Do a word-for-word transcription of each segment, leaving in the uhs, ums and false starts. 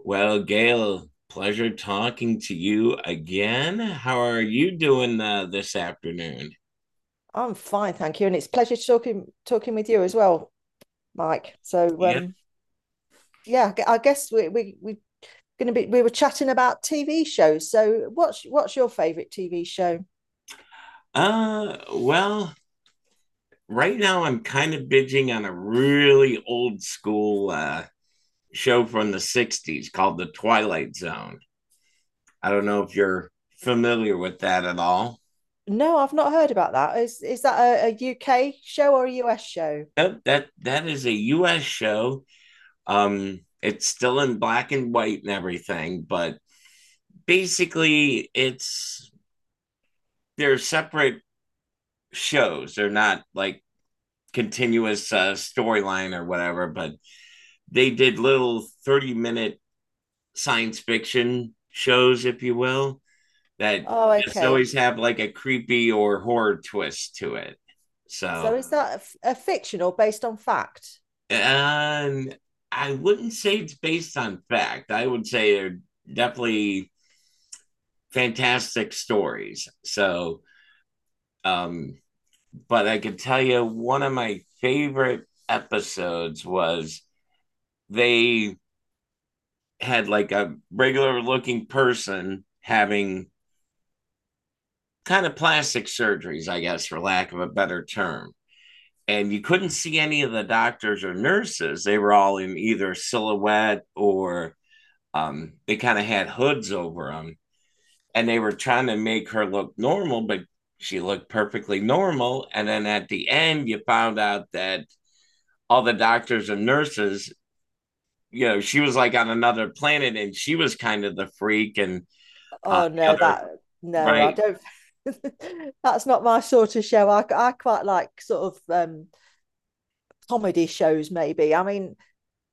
Well, Gail, pleasure talking to you again. How are you doing uh, this afternoon? I'm fine, thank you. And it's a pleasure talking talking with you as well, Mike. So Yep. um, yeah, I guess we we we're gonna be we were chatting about T V shows. So what's what's your favourite T V show? Uh, well, right now I'm kind of binging on a really old school uh, show from the sixties called The Twilight Zone. I don't know if you're familiar with that at all. No, I've not heard about that. Is is that a, U K show or a U S show? Yep, that that is a U S show. Um it's still in black and white and everything, but basically it's they're separate shows. They're not like continuous uh, storyline or whatever, but they did little thirty minute science fiction shows, if you will, that Oh, just okay. always have like a creepy or horror twist to it. So So, is that a a fiction or based on fact? and I wouldn't say it's based on fact. I would say they're definitely fantastic stories. So, um, but I can tell you one of my favorite episodes was they had like a regular looking person having kind of plastic surgeries, I guess, for lack of a better term. And you couldn't see any of the doctors or nurses. They were all in either silhouette, or um, they kind of had hoods over them. And they were trying to make her look normal, but she looked perfectly normal. And then at the end, you found out that all the doctors and nurses, you know, she was like on another planet and she was kind of the freak. And uh, Oh the no, other, that no, I right? don't. That's not my sort of show. I I quite like sort of um comedy shows maybe. I mean,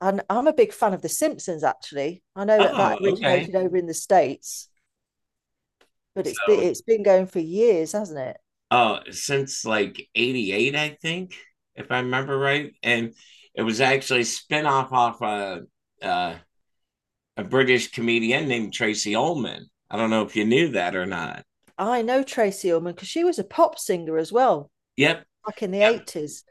And I'm a big fan of The Simpsons, actually. I know that that Oh, okay. originated over in the States, but it's been, So, it's been going for years, hasn't it? uh, since like eighty-eight, I think, if I remember right. And it was actually a spin-off off a, uh, a British comedian named Tracy Ullman. I don't know if you knew that or not. I know Tracy Ullman because she was a pop singer as well Yep. back in the eighties.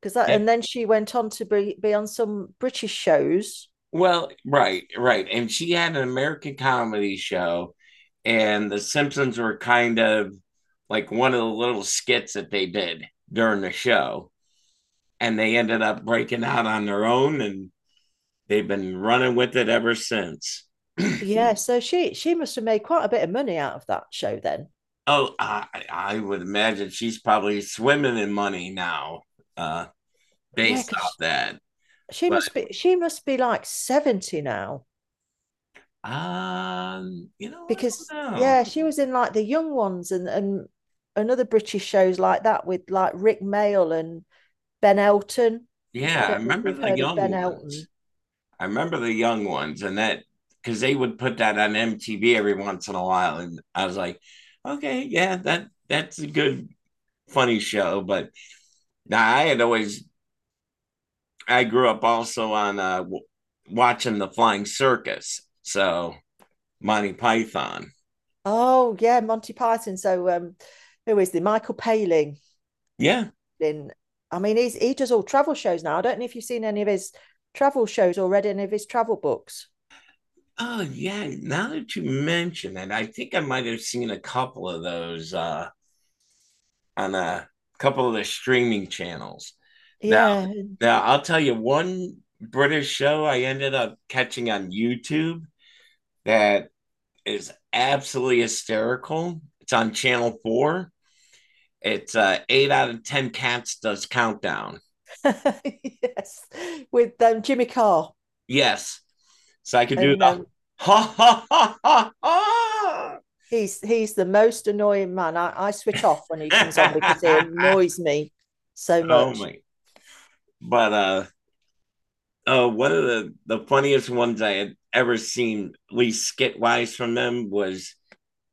Because that, and Yep. then she went on to be, be on some British shows. Well, right, right. And she had an American comedy show, and The Simpsons were kind of like one of the little skits that they did during the show. And they ended up breaking out on their own, and they've been running with it ever since. Yeah, so she she must have made quite a bit of money out of that show then. Oh, I, I would imagine she's probably swimming in money now, uh, Yeah, based off because that. she But must be she must be like seventy now um, you know, I because don't know. yeah she was in like The Young Ones and and another British shows like that with like rick mail and Ben Elton. I Yeah, I don't know if remember you've the heard of young Ben ones. Elton. I remember the young ones, and that because they would put that on M T V every once in a while, and I was like, okay, yeah, that that's a good funny show. But now I had always I grew up also on uh, w- watching the Flying Circus, so Monty Python. Oh yeah, Monty Python. so um who is the Michael Palin? Yeah. In I mean he's he does all travel shows now. I don't know if you've seen any of his travel shows or read any of his travel books. Oh yeah. Now that you mention it, I think I might have seen a couple of those uh, on a couple of the streaming channels. Now, Yeah. now I'll tell you one British show I ended up catching on YouTube that is absolutely hysterical. It's on Channel Four. It's uh, eight out of ten cats does countdown. Yes, with um Jimmy Carr. Yes, so I could do And the um ha ha ha ha He's he's the most annoying man. I, I switch off when he comes on because he ha. annoys me so Oh much. my! But uh, uh, one of the the funniest ones I had ever seen, at least skit wise from them, was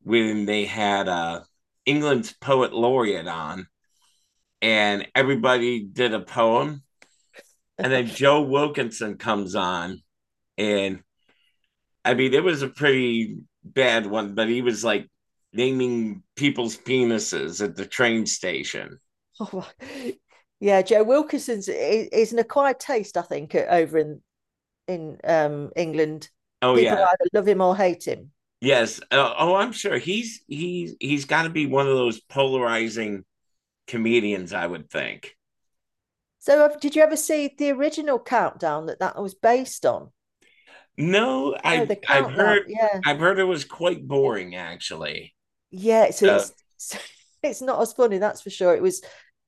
when they had uh England's poet laureate on, and everybody did a poem, and then Joe Wilkinson comes on, and I mean it was a pretty bad one, but he was like naming people's penises at the train station. Oh, yeah, Joe Wilkinson's i- is an acquired taste, I think, over in in um, England. Oh People yeah, either love him or hate him. yes. Uh, oh, I'm sure he's he's he's got to be one of those polarizing comedians, I would think. So, uh, did you ever see the original Countdown that that was based on? No, No, I the I've heard Countdown. Yeah, I've heard it was quite boring actually. yeah, so Uh, it's it's not as funny, that's for sure. It was,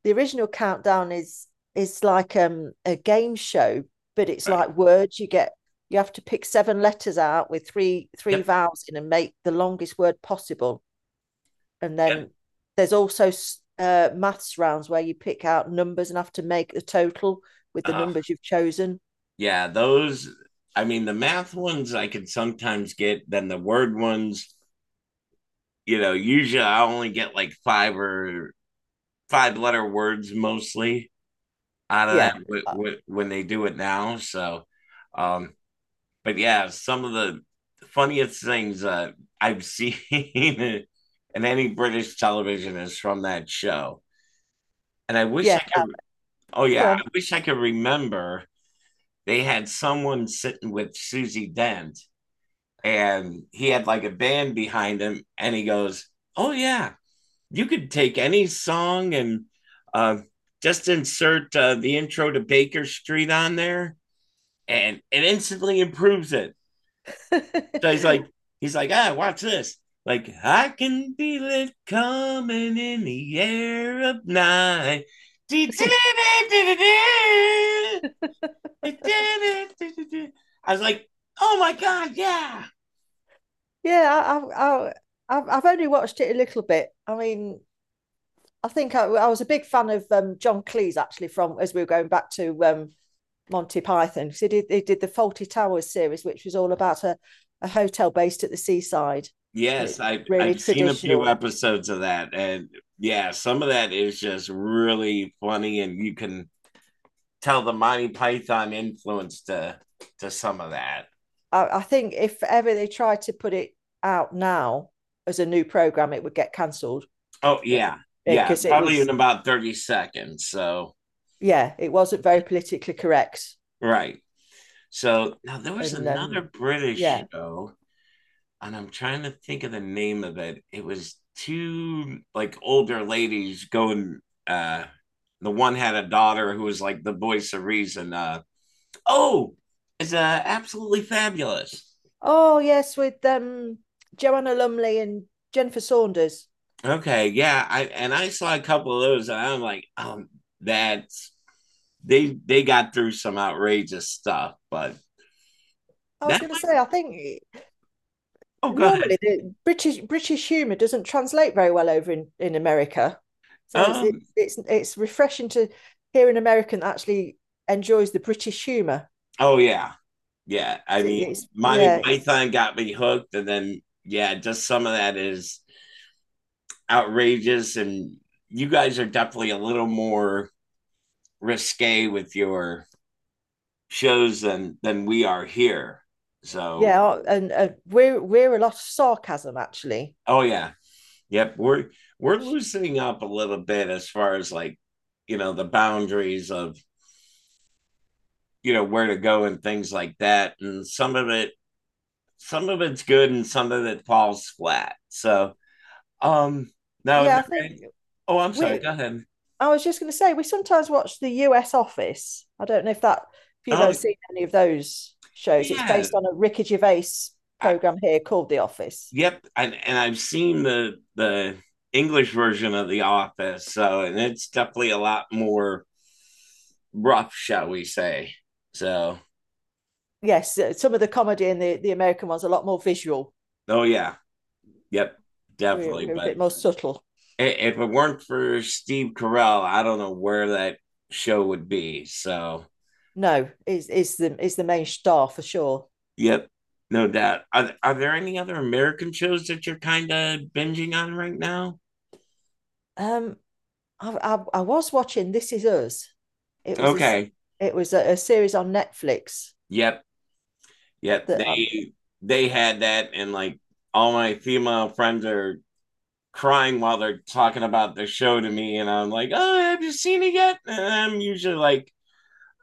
the original countdown is is like um a game show, but it's right. like words. You get, you have to pick seven letters out with three three Yep. vowels in and make the longest word possible. And Yep. then there's also s- uh, maths rounds where you pick out numbers and have to make the total with the Uh, numbers you've chosen. yeah. Those. I mean, the math ones I can sometimes get. Then the word ones, you know, usually I only get like five or five letter words mostly out of that Yeah, w- uh, w- when they do it now. So, um, but yeah, some of the funniest things uh, I've seen in any British television is from that show. And I wish yeah. I could, oh yeah, Go I wish I could remember they had someone sitting with Susie Dent and he had like a band behind him and he goes, oh yeah, you could take any song and uh, just insert uh, the intro to Baker Street on there and it instantly improves it. on. So he's like, he's like, ah, watch this. Like, I can feel it coming in the air of night. I was like, oh my God, yeah. Yeah, I, I, I, have I've only watched it a little bit. I mean, I think I, I was a big fan of um, John Cleese actually from, as we were going back to um, Monty Python, because he did he did the Faulty Towers series, which was all about a, a hotel based at the seaside, and it Yes, was I've really I've seen a few traditional. episodes of that. And yeah, some of that is just really funny, and you can tell the Monty Python influence to to some of that. I, I think if ever they tried to put it out now as a new program, it would get cancelled Oh yeah, yeah, because it probably in was, about thirty seconds. So. yeah, it wasn't very politically correct, Right. So now there was and another um, British yeah. show, and I'm trying to think of the name of it. It was two like older ladies going uh the one had a daughter who was like the voice of reason. Uh oh, it's uh absolutely fabulous. Oh yes, with um Joanna Lumley and Jennifer Saunders. Okay, yeah, I and I saw a couple of those and I'm like, um that's they they got through some outrageous stuff, but I was that going to say, I think oh, go ahead. normally the British British humour doesn't translate very well over in, in America, so it's it's Um it's it's refreshing to hear an American that actually enjoys the British humour. oh yeah. Yeah, I mean, It- It's Monty yeah Python got me hooked, and then yeah, just some of that is outrageous, and you guys are definitely a little more risque with your shows than than we are here. So, yeah, and uh, we're we're a lot of sarcasm actually. oh yeah, yep, we're we're Which, loosening up a little bit as far as like you know the boundaries of you know where to go and things like that, and some of it some of it's good and some of it falls flat. So. Um, Now yeah, there I think any, oh, I'm sorry. we Go ahead. I was just going to say, we sometimes watch the U S Office. I don't know if that, if you've Oh, ever seen any of those shows. It's yeah. based on a Ricky Gervais I, program here called The Office. yep. I, and I've seen the the English version of The Office, so and it's definitely a lot more rough, shall we say? So, Yes, uh, some of the comedy in the, the American ones are a lot more visual. oh yeah, yep, We're definitely. we're a But bit more subtle. if it weren't for Steve Carell, I don't know where that show would be. So, No, is is the is the main star for sure. yep, no doubt. Are are there any other American shows that you're kind of binging on right now? Um, I, I I was watching This Is Us. It was Okay. a it was a, a series on Netflix Yep. Yeah, that I'm they they had that, and like all my female friends are crying while they're talking about the show to me, and I'm like, oh, have you seen it yet? And I'm usually like,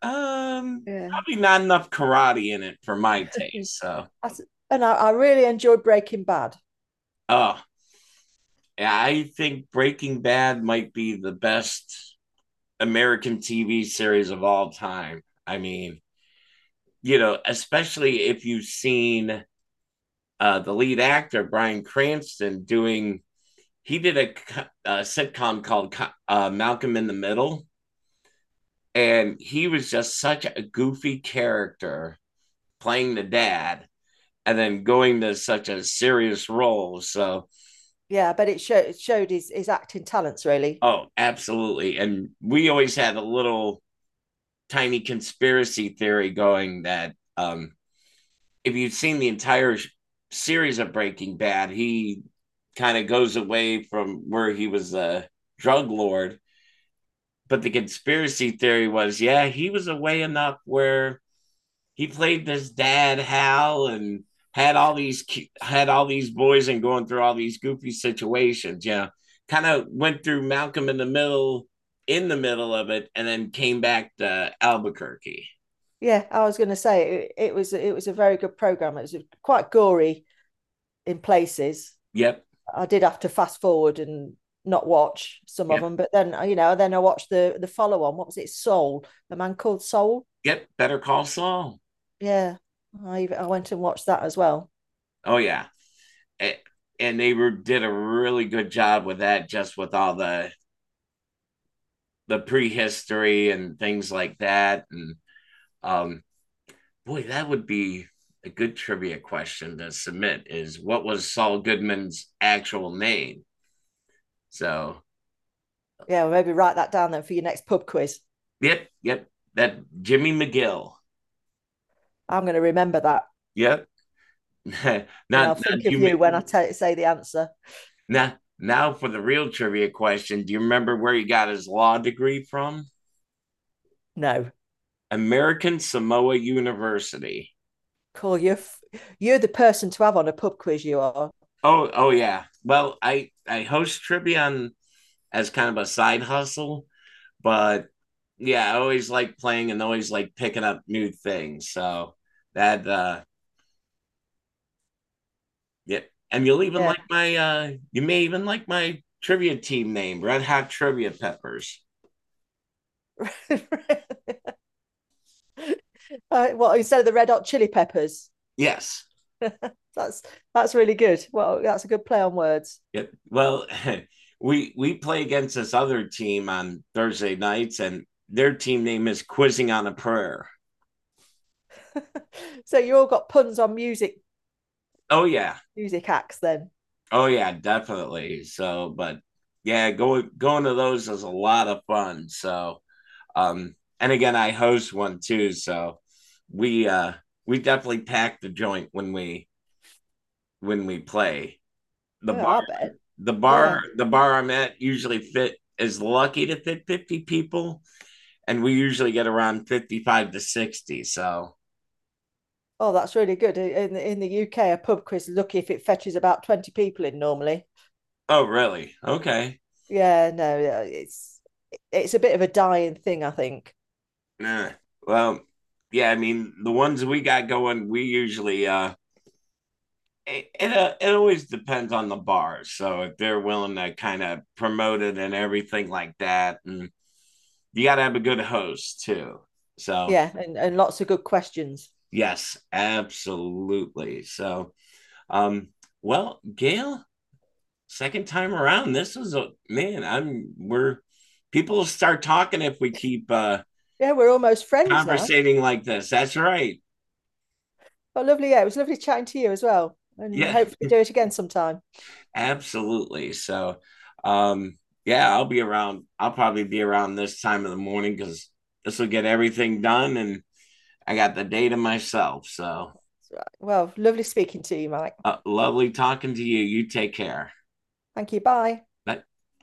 um, yeah, probably not enough karate in it for my taste. So, I, and I, I really enjoyed Breaking Bad. oh, yeah, I think Breaking Bad might be the best American T V series of all time. I mean, you know, especially if you've seen uh, the lead actor Bryan Cranston doing he did a, a sitcom called uh, Malcolm in the Middle, and he was just such a goofy character playing the dad, and then going to such a serious role. So, Yeah, but it showed it showed his his acting talents really. oh, absolutely. And we always had a little tiny conspiracy theory going that um, if you've seen the entire sh- series of Breaking Bad, he kind of goes away from where he was a drug lord, but the conspiracy theory was, yeah, he was away enough where he played this dad Hal and had all these had all these boys and going through all these goofy situations. Yeah, kind of went through Malcolm in the Middle in the middle of it, and then came back to Albuquerque. Yeah, I was going to say it, it was it was a very good program. It was quite gory in places. Yep, I did have to fast forward and not watch some of yep, them, but then you know, then I watched the the follow on. What was it? Soul, a man called Soul. yep. Better Call Saul. Yeah, I even, I went and watched that as well. Oh yeah, and they were, did a really good job with that, just with all the the prehistory and things like that, and um boy, that would be a good trivia question to submit: is what was Saul Goodman's actual name? So, Yeah, well, maybe write that down then for your next pub quiz. yep, yep, that Jimmy McGill. I'm going to remember that, Yep. not and not I'll think of you Jimmy. when I tell say the answer. Now now for the real trivia question. Do you remember where he got his law degree from? No, American Samoa University. cool. You're you're the person to have on a pub quiz. You are. Oh, oh yeah. Well, I I host trivia on, as kind of a side hustle, but yeah, I always like playing and always like picking up new things. So that uh yeah. And you'll even Yeah. like my uh you may even like my trivia team name, Red Hot Trivia Peppers. uh, well, instead of the Red Hot Chili Peppers. Yes. that's that's really good. Well, that's a good play on words. Yep. Well, we we play against this other team on Thursday nights, and their team name is Quizzing on a Prayer. So you all got puns on music Oh yeah. music acts then? Oh yeah, definitely. So, but yeah, going going to those is a lot of fun. So, Um, and again, I hosed one too, so we uh, we definitely pack the joint when we when we play. The Oh, bar, I bet. the Yeah. bar, the bar I'm at usually fit is lucky to fit fifty people, and we usually get around fifty-five to sixty. So, Oh, that's really good. In in the U K, a pub quiz lucky if it fetches about twenty people in normally. oh really? Okay. Yeah, no, yeah, it's it's a bit of a dying thing, I think. Nah. Well, yeah. I mean, the ones we got going, we usually uh, it, it, uh, it always depends on the bar. So if they're willing to kind of promote it and everything like that, and you got to have a good host too. So, Yeah, and, and lots of good questions. yes, absolutely. So, um, well, Gail, second time around, this was a man. I'm We're people start talking if we keep uh Yeah, we're almost friends now. conversating like this. That's right. But lovely, yeah, it was lovely chatting to you as well. And Yeah, hopefully do it again sometime. absolutely. So, um, yeah, I'll be around. I'll probably be around this time of the morning because this will get everything done, and I got the day to myself. So, Right. Well, lovely speaking to you, Mike. uh, lovely talking to you. You take care. Thank you. Bye. Bye.